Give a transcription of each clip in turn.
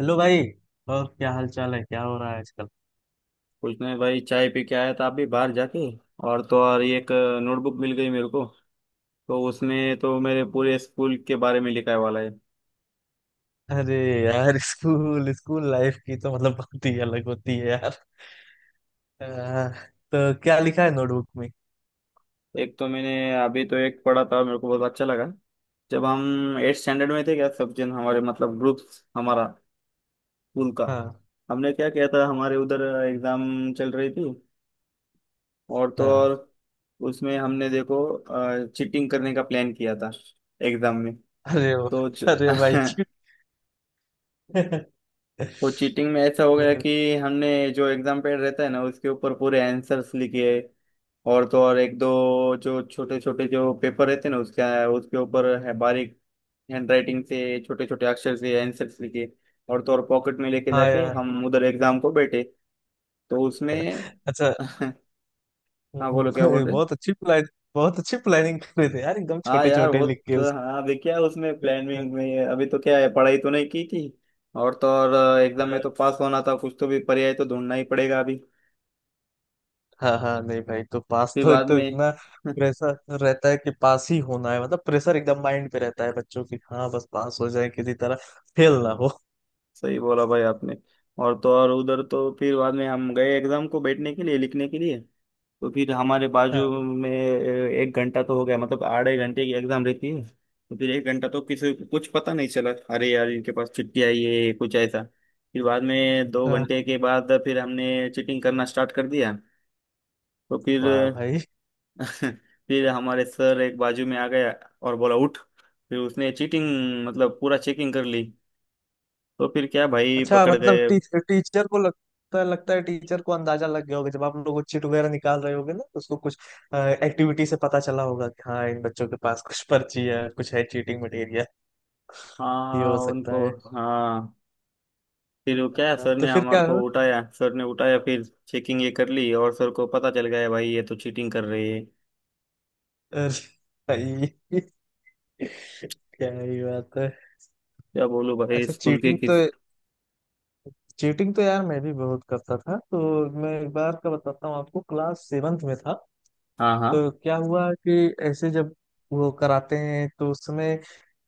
Hello भाई। और क्या हाल चाल है, क्या हो रहा है आजकल। कुछ नहीं भाई, चाय पी के आया था अभी बाहर जाके। और तो और ये एक नोटबुक मिल गई मेरे को। तो उसमें तो मेरे पूरे स्कूल के बारे में लिखा है वाला है। अरे यार स्कूल स्कूल लाइफ की तो मतलब बात ही अलग होती है यार। आ, तो क्या लिखा है नोटबुक में। एक तो मैंने अभी तो एक पढ़ा था, मेरे को बहुत अच्छा लगा। जब हम एट स्टैंडर्ड में थे, क्या सब जन हमारे मतलब ग्रुप हमारा स्कूल का, हाँ हमने क्या किया था हमारे उधर। एग्जाम चल रही थी और तो हाँ। और उसमें हमने देखो चीटिंग करने का प्लान किया था एग्जाम में। अरे तो वाह, अरे भाई च- जी। वो चीटिंग में ऐसा हो गया कि हमने जो एग्जाम पैड रहता है ना उसके ऊपर पूरे आंसर्स लिखे। और तो और एक दो जो छोटे छोटे जो पेपर रहते हैं ना उसका, उसके ऊपर है बारीक हैंड राइटिंग से छोटे छोटे अक्षर से आंसर्स लिखे। और तो और पॉकेट में लेके हाँ जाके यार। हम उधर एग्जाम को बैठे। तो उसमें अच्छा। हाँ। बोलो क्या बोल रहे। बहुत अच्छी प्लान। बहुत अच्छी प्लानिंग कर रहे थे यार एकदम हाँ छोटे यार छोटे वो, लिख के तो हाँ अभी क्या उसमें उसको। प्लानिंग में अभी तो क्या है, पढ़ाई तो नहीं की थी। और तो और एग्जाम में तो पास होना था, कुछ तो भी पर्याय तो ढूंढना ही पड़ेगा अभी। हाँ हाँ, नहीं भाई तो पास फिर तो एक बाद तो में इतना प्रेशर रहता है कि पास ही होना है, मतलब प्रेशर एकदम माइंड पे रहता है बच्चों की। हाँ बस पास हो जाए किसी तरह, फेल ना हो। सही बोला भाई आपने। और तो और उधर तो फिर बाद में हम गए एग्जाम को बैठने के लिए, लिखने के लिए। तो फिर हमारे हाँ। बाजू में एक घंटा तो हो गया, मतलब आधे घंटे की एग्जाम रहती है तो फिर एक घंटा तो किसी को कुछ पता नहीं चला। अरे यार इनके पास छुट्टी आई है कुछ ऐसा। फिर बाद में दो हाँ। घंटे के बाद फिर हमने चीटिंग करना स्टार्ट कर दिया। तो फिर वाह भाई। फिर हमारे सर एक बाजू में आ गया और बोला उठ। फिर उसने चीटिंग मतलब पूरा चेकिंग कर ली। तो फिर क्या भाई, अच्छा पकड़ मतलब गए। टीचर को लगता है, लगता है टीचर को अंदाजा लग गया होगा जब आप लोग चिट वगैरह निकाल रहे होगे ना तो उसको कुछ एक्टिविटी से पता चला होगा कि हाँ इन बच्चों के पास कुछ पर्ची है, कुछ है चीटिंग मटेरियल। ये हाँ हो सकता उनको। है। हाँ, फिर वो क्या हाँ, सर तो ने फिर हमारे क्या को हो। उठाया, सर ने उठाया, फिर चेकिंग ये कर ली और सर को पता चल गया भाई ये तो चीटिंग कर रही है। अरे भाई, क्या ही बात है। क्या बोलूं भाई अच्छा स्कूल के चीटिंग तो, किस। चीटिंग तो यार मैं भी बहुत करता था। तो मैं एक बार का बताता हूँ आपको। क्लास सेवन्थ में था हाँ हाँ तो क्या हुआ कि ऐसे जब वो कराते हैं तो उस समय,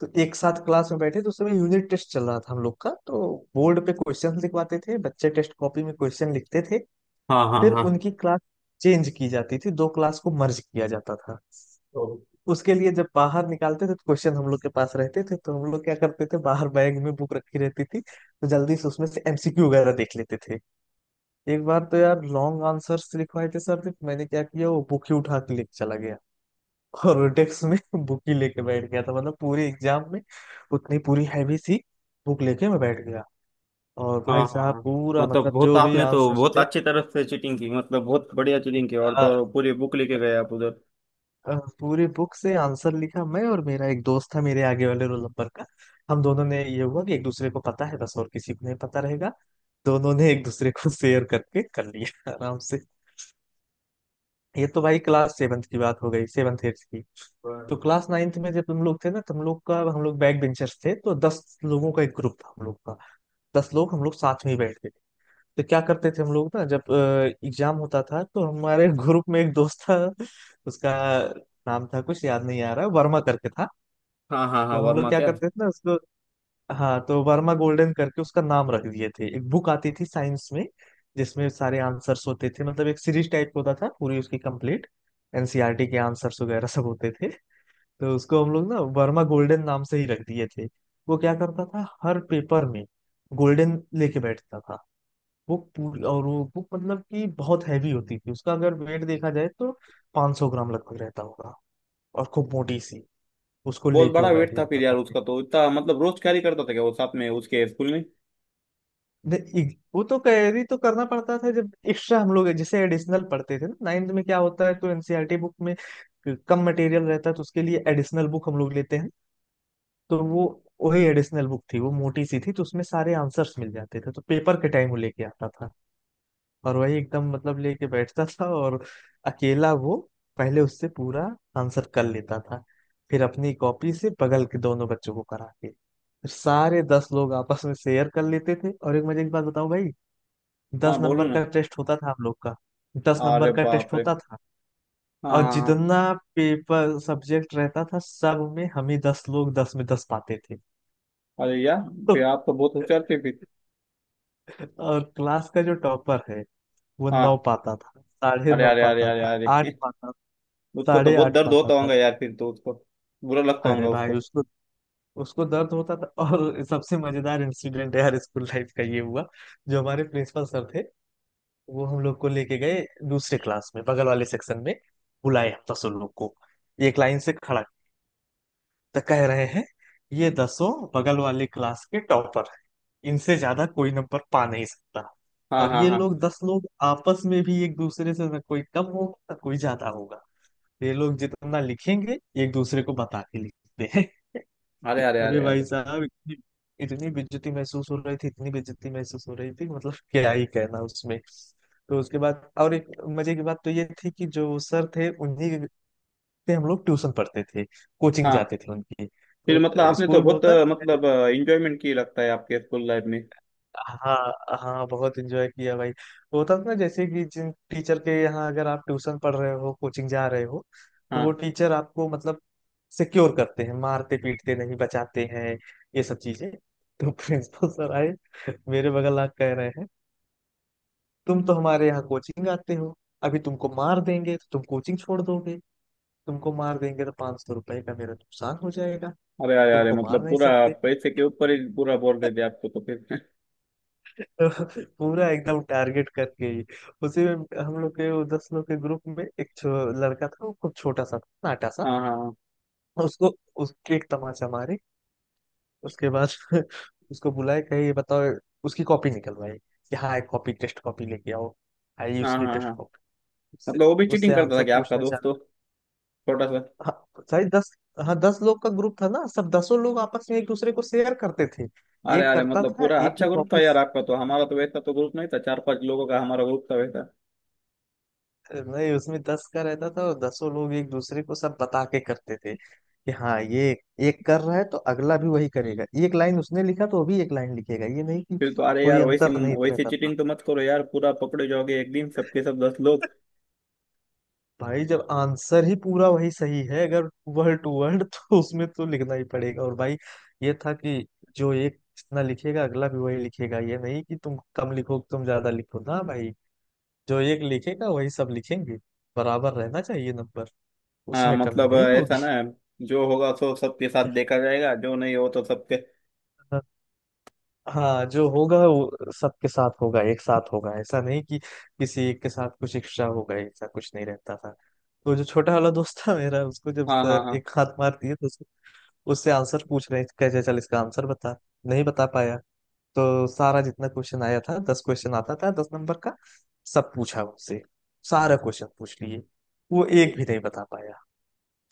तो एक साथ क्लास में बैठे तो उस समय यूनिट टेस्ट चल रहा था हम लोग का। तो बोर्ड पे क्वेश्चन लिखवाते थे, बच्चे टेस्ट कॉपी में क्वेश्चन लिखते थे। हाँ। हाँ फिर हाँ। उनकी क्लास चेंज की जाती थी, दो क्लास को मर्ज किया जाता था। तो उसके लिए जब बाहर निकालते थे तो क्वेश्चन हम लोग के पास रहते थे, तो हम लोग क्या करते थे बाहर बैग में बुक रखी रहती थी, तो जल्दी से उसमें से एमसीक्यू वगैरह देख लेते थे। एक बार तो यार लॉन्ग आंसर्स लिखवाए थे सर ने, तो मैंने क्या किया वो बुक ही उठा के लेके चला गया और डेस्क में बुक ही लेके बैठ गया था मतलब पूरे एग्जाम में। उतनी पूरी हैवी सी बुक लेके मैं बैठ गया। और हाँ भाई हाँ साहब हाँ, पूरा मतलब मतलब बहुत जो भी आपने तो आंसर बहुत अच्छी तरफ से चीटिंग की, मतलब बहुत बढ़िया चीटिंग की और थे, तो और पूरी बुक लेके गए आप उधर। पूरी बुक से आंसर लिखा। मैं और मेरा एक दोस्त था मेरे आगे वाले रोल नंबर का। हम दोनों ने ये हुआ कि एक दूसरे को पता है बस, और किसी को नहीं पता रहेगा। दोनों ने एक दूसरे को शेयर करके कर लिया आराम से। ये तो भाई क्लास सेवन्थ की बात हो गई, सेवन्थ एट्थ की। हाँ तो क्लास नाइन्थ में जब हम लोग थे ना, तो हम लोग का हम लोग बैक बेंचर्स थे, तो 10 लोगों का एक ग्रुप था हम लोग का। दस लोग हम लोग साथ में ही बैठते थे। तो क्या करते थे हम लोग ना जब एग्जाम होता था तो हमारे ग्रुप में एक दोस्त था। उसका नाम था कुछ याद नहीं आ रहा, वर्मा करके था। हाँ हाँ। हाँ, तो हम लोग वर्मा क्या क्या। करते थे ना उसको, हाँ तो वर्मा गोल्डन करके उसका नाम रख दिए थे। एक बुक आती थी साइंस में जिसमें सारे आंसर्स होते थे, मतलब एक सीरीज टाइप का होता था पूरी उसकी कंप्लीट, एनसीईआरटी के आंसर्स वगैरह सब होते थे। तो उसको हम लोग ना वर्मा गोल्डन नाम से ही रख दिए थे। वो क्या करता था हर पेपर में गोल्डन लेके बैठता था। वो पूरी और वो बुक मतलब कि बहुत हैवी होती थी, उसका अगर वेट देखा जाए तो 500 ग्राम लगभग रहता होगा। और खूब मोटी सी, उसको बहुत लेके बड़ा वो बैठ वेट था फिर जाता यार था। उसका तो, इतना मतलब रोज कैरी करता था क्या वो साथ में उसके स्कूल में। नहीं, वो तो कैरी तो करना पड़ता था जब एक्स्ट्रा हम लोग जैसे एडिशनल पढ़ते थे ना नाइन्थ में, क्या होता है तो एनसीईआरटी बुक में कम मटेरियल रहता है तो उसके लिए एडिशनल बुक हम लोग लेते हैं। तो वो, वही एडिशनल बुक थी, वो मोटी सी थी तो उसमें सारे आंसर्स मिल जाते थे, तो पेपर के टाइम वो लेके आता था और वही एकदम मतलब लेके बैठता था। और अकेला वो पहले उससे पूरा आंसर कर लेता था, फिर अपनी कॉपी से बगल के दोनों बच्चों को करा के, फिर सारे दस लोग आपस में शेयर कर लेते थे। और एक मजे की बात बताऊं भाई, दस हाँ बोलो नंबर ना। का टेस्ट होता था हम लोग का। दस नंबर अरे का टेस्ट बाप रे। होता था। और हाँ। जितना पेपर सब्जेक्ट रहता था सब में हम ही दस लोग दस में दस पाते थे। अरे यार तो, फिर आप तो बहुत होशियार थे फिर। और क्लास का जो टॉपर है वो नौ हाँ। पाता था, साढ़े अरे नौ अरे अरे पाता अरे था, अरे। आठ पाता, उसको तो साढ़े बहुत आठ दर्द पाता होता था। होगा यार फिर तो उसको, बुरा लगता अरे होगा भाई उसको। उसको, उसको दर्द होता था। और सबसे मजेदार इंसिडेंट यार स्कूल लाइफ का ये हुआ, जो हमारे प्रिंसिपल सर थे वो हम लोग को लेके गए दूसरे क्लास में बगल वाले सेक्शन में। बुलाए हम दसों लोग को, एक लाइन से खड़ा। तो कह रहे हैं ये दसों बगल वाले क्लास के टॉपर हैं, इनसे ज्यादा कोई नंबर पा नहीं सकता। हाँ और हाँ ये हाँ। लोग दस लोग आपस में भी एक दूसरे से न कोई कम होगा न कोई ज्यादा होगा, ये लोग जितना लिखेंगे एक दूसरे को बता के लिखते हैं। अरे अरे अरे अरे भाई अरे। साहब इतनी इतनी बेइज्जती महसूस हो रही थी, इतनी बेइज्जती महसूस हो रही थी, मतलब क्या ही कहना उसमें। तो उसके बाद और एक मजे की बात तो ये थी कि जो सर थे उन्हीं से हम लोग ट्यूशन पढ़ते थे, कोचिंग हाँ जाते थे उनकी। फिर तो मतलब आपने तो स्कूल में बहुत होता। मतलब इंजॉयमेंट की लगता है आपके स्कूल लाइफ में। हाँ हाँ बहुत एंजॉय किया भाई। वो था ना जैसे कि जिन टीचर के यहाँ अगर आप ट्यूशन पढ़ रहे हो, कोचिंग जा रहे हो, तो वो हाँ। टीचर आपको मतलब सिक्योर करते हैं, मारते पीटते नहीं, बचाते हैं ये सब चीजें। तो प्रिंसिपल सर आए मेरे बगल, आ कह रहे हैं तुम तो हमारे यहाँ कोचिंग आते हो, अभी तुमको मार देंगे तो तुम कोचिंग छोड़ दोगे, तुमको मार देंगे तो 500 रुपए का मेरा नुकसान हो जाएगा, अरे अरे अरे, तुमको मार मतलब नहीं पूरा सकते। पैसे के ऊपर ही पूरा बोल रहे थे आपको तो फिर तो पूरा एकदम टारगेट करके ही। उसी में हम लोग के वो दस लोग के ग्रुप में एक लड़का था वो खूब छोटा सा था, नाटा सा। हाँ हाँ उसको, उसके एक तमाचा मारे उसके बाद उसको बुलाए कहे ये बताओ। उसकी कॉपी निकलवाई कि हाँ एक कॉपी, टेस्ट कॉपी लेके आओ। आई हाँ। उसकी हाँ टेस्ट हाँ, कॉपी। उससे मतलब वो भी उससे चीटिंग करता था आंसर कि आपका पूछना दोस्त तो, चाहता। छोटा सा। हाँ सारी दस, हाँ दस लोग का ग्रुप था ना, सब दसों लोग आपस में एक दूसरे को शेयर करते थे। अरे एक अरे, करता मतलब था पूरा एक की अच्छा ग्रुप था कॉपी, यार आपका तो, हमारा तो वैसा तो ग्रुप नहीं था, चार पांच लोगों का हमारा ग्रुप था वैसा। नहीं उसमें दस का रहता था और दसों लोग एक दूसरे को सब बता के करते थे कि हाँ ये एक कर रहा है तो अगला भी वही करेगा, एक लाइन उसने लिखा तो अभी एक लाइन लिखेगा, ये नहीं कि फिर तो अरे कोई यार वैसी, अंतर नहीं वैसी रहता था। चीटिंग तो मत करो यार, पूरा पकड़े जाओगे एक दिन सबके सब दस लोग। भाई जब आंसर ही पूरा वही सही है अगर वर्ड टू वर्ड तो उसमें तो लिखना ही पड़ेगा। और भाई ये था कि जो एक जितना लिखेगा अगला भी वही लिखेगा, ये नहीं कि तुम कम लिखो तुम ज्यादा लिखो ना भाई, जो एक लिखेगा वही सब लिखेंगे, बराबर रहना चाहिए नंबर, हाँ उसमें कमी मतलब नहीं ऐसा होगी। ना, जो होगा सो सबके साथ देखा जाएगा, जो नहीं हो तो सबके। हाँ जो होगा वो सबके साथ होगा, एक साथ होगा, ऐसा नहीं कि किसी एक के साथ कुछ एक्स्ट्रा होगा, ऐसा कुछ नहीं रहता था। तो जो छोटा वाला दोस्त था मेरा उसको जब हाँ हाँ सर हाँ। एक हाथ मार दिए तो उसको, उससे आंसर पूछ रहे हैं, कैसे चल इसका आंसर बता। नहीं बता पाया। तो सारा जितना क्वेश्चन आया था, 10 क्वेश्चन आता था दस नंबर का, सब पूछा उससे, सारा क्वेश्चन पूछ लिए, वो एक भी नहीं बता पाया,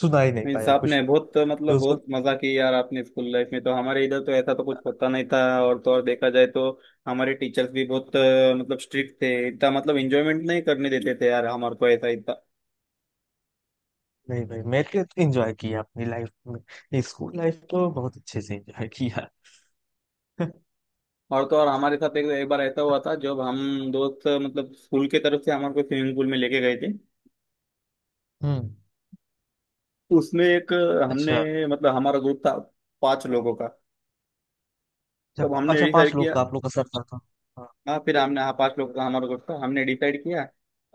सुना ही नहीं मीन्स पाया आपने कुछ। बहुत तो मतलब उसको, बहुत मजा की यार आपने स्कूल लाइफ में, तो हमारे इधर तो ऐसा तो कुछ होता नहीं था। और तो और देखा जाए तो हमारे टीचर्स भी बहुत मतलब स्ट्रिक्ट थे, इतना मतलब एंजॉयमेंट नहीं करने देते थे यार हमारे को ऐसा इतना। नहीं भाई मैंने तो एंजॉय किया अपनी लाइफ में, स्कूल लाइफ तो बहुत अच्छे से एंजॉय किया। और तो और हमारे साथ एक बार ऐसा हुआ था जब हम दोस्त मतलब स्कूल के तरफ से हमारे को स्विमिंग पूल में लेके गए थे। हम्म। उसमें एक, हमने अच्छा। मतलब हमारा ग्रुप था पांच लोगों का, अच्छा तब हमने अच्छा पांच डिसाइड लोग किया। का आप लोग का सर था। हाँ। हाँ फिर हमने, हाँ पांच लोगों का हमारा ग्रुप था, हमने डिसाइड किया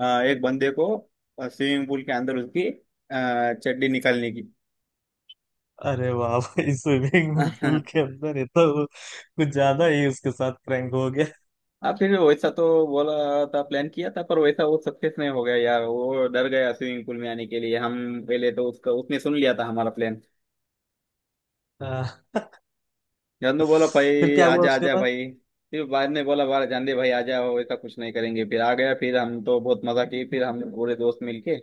एक बंदे को स्विमिंग पूल के अंदर उसकी चड्डी निकालने की। अरे वाह भाई स्विमिंग पूल के अंदर, ये तो कुछ ज्यादा ही उसके साथ प्रैंक हो गया। हाँ फिर वैसा तो बोला था, प्लान किया था, पर वैसा वो सक्सेस नहीं हो गया यार, वो डर गया स्विमिंग पूल में आने के लिए हम। पहले तो उसका उसने सुन लिया था हमारा प्लान। हाँ, जानू बोला फिर भाई क्या हुआ आजा उसके आजा बाद। भाई। फिर बाद में बोला बाहर जान दे भाई आजा हो, ऐसा कुछ नहीं करेंगे, फिर आ गया। फिर हम तो बहुत मजा की, फिर हम पूरे दोस्त मिलके,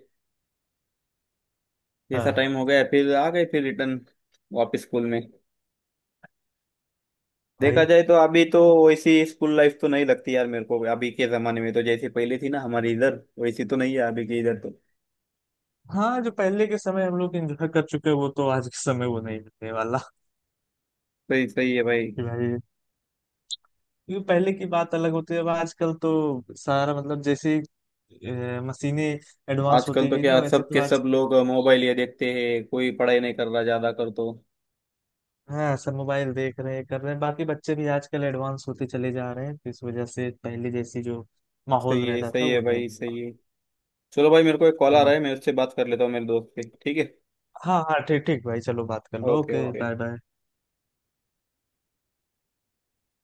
जैसा हाँ। टाइम हो गया फिर आ गए, फिर रिटर्न वापस स्कूल में। देखा भाई, जाए तो अभी तो वैसी स्कूल लाइफ तो नहीं लगती यार मेरे को अभी के जमाने में, तो जैसी पहले थी ना हमारी इधर वैसी तो नहीं है अभी के इधर तो। हाँ जो पहले के समय हम लोग एंजॉय कर चुके हैं, वो तो आज के समय वो नहीं मिलने वाला। सही, सही है भाई। कि भाई, क्योंकि पहले की बात अलग होती है, अब आजकल तो सारा मतलब जैसे मशीनें एडवांस आजकल होती तो गई ना क्या वैसे सब तो के आज। सब लोग मोबाइल ये देखते हैं, कोई पढ़ाई नहीं कर रहा ज्यादा कर तो। हाँ सब मोबाइल देख रहे हैं कर रहे हैं, बाकी बच्चे भी आजकल एडवांस होते चले जा रहे हैं तो इस वजह से पहले जैसी जो माहौल रहता था सही है वो नहीं। भाई, सही है। चलो भाई, मेरे को एक कॉल आ अ, रहा है, मैं उससे बात कर लेता हूँ मेरे दोस्त से, ठीक है। हाँ हाँ ठीक ठीक भाई चलो बात कर लो, okay okay okay. Bye bye.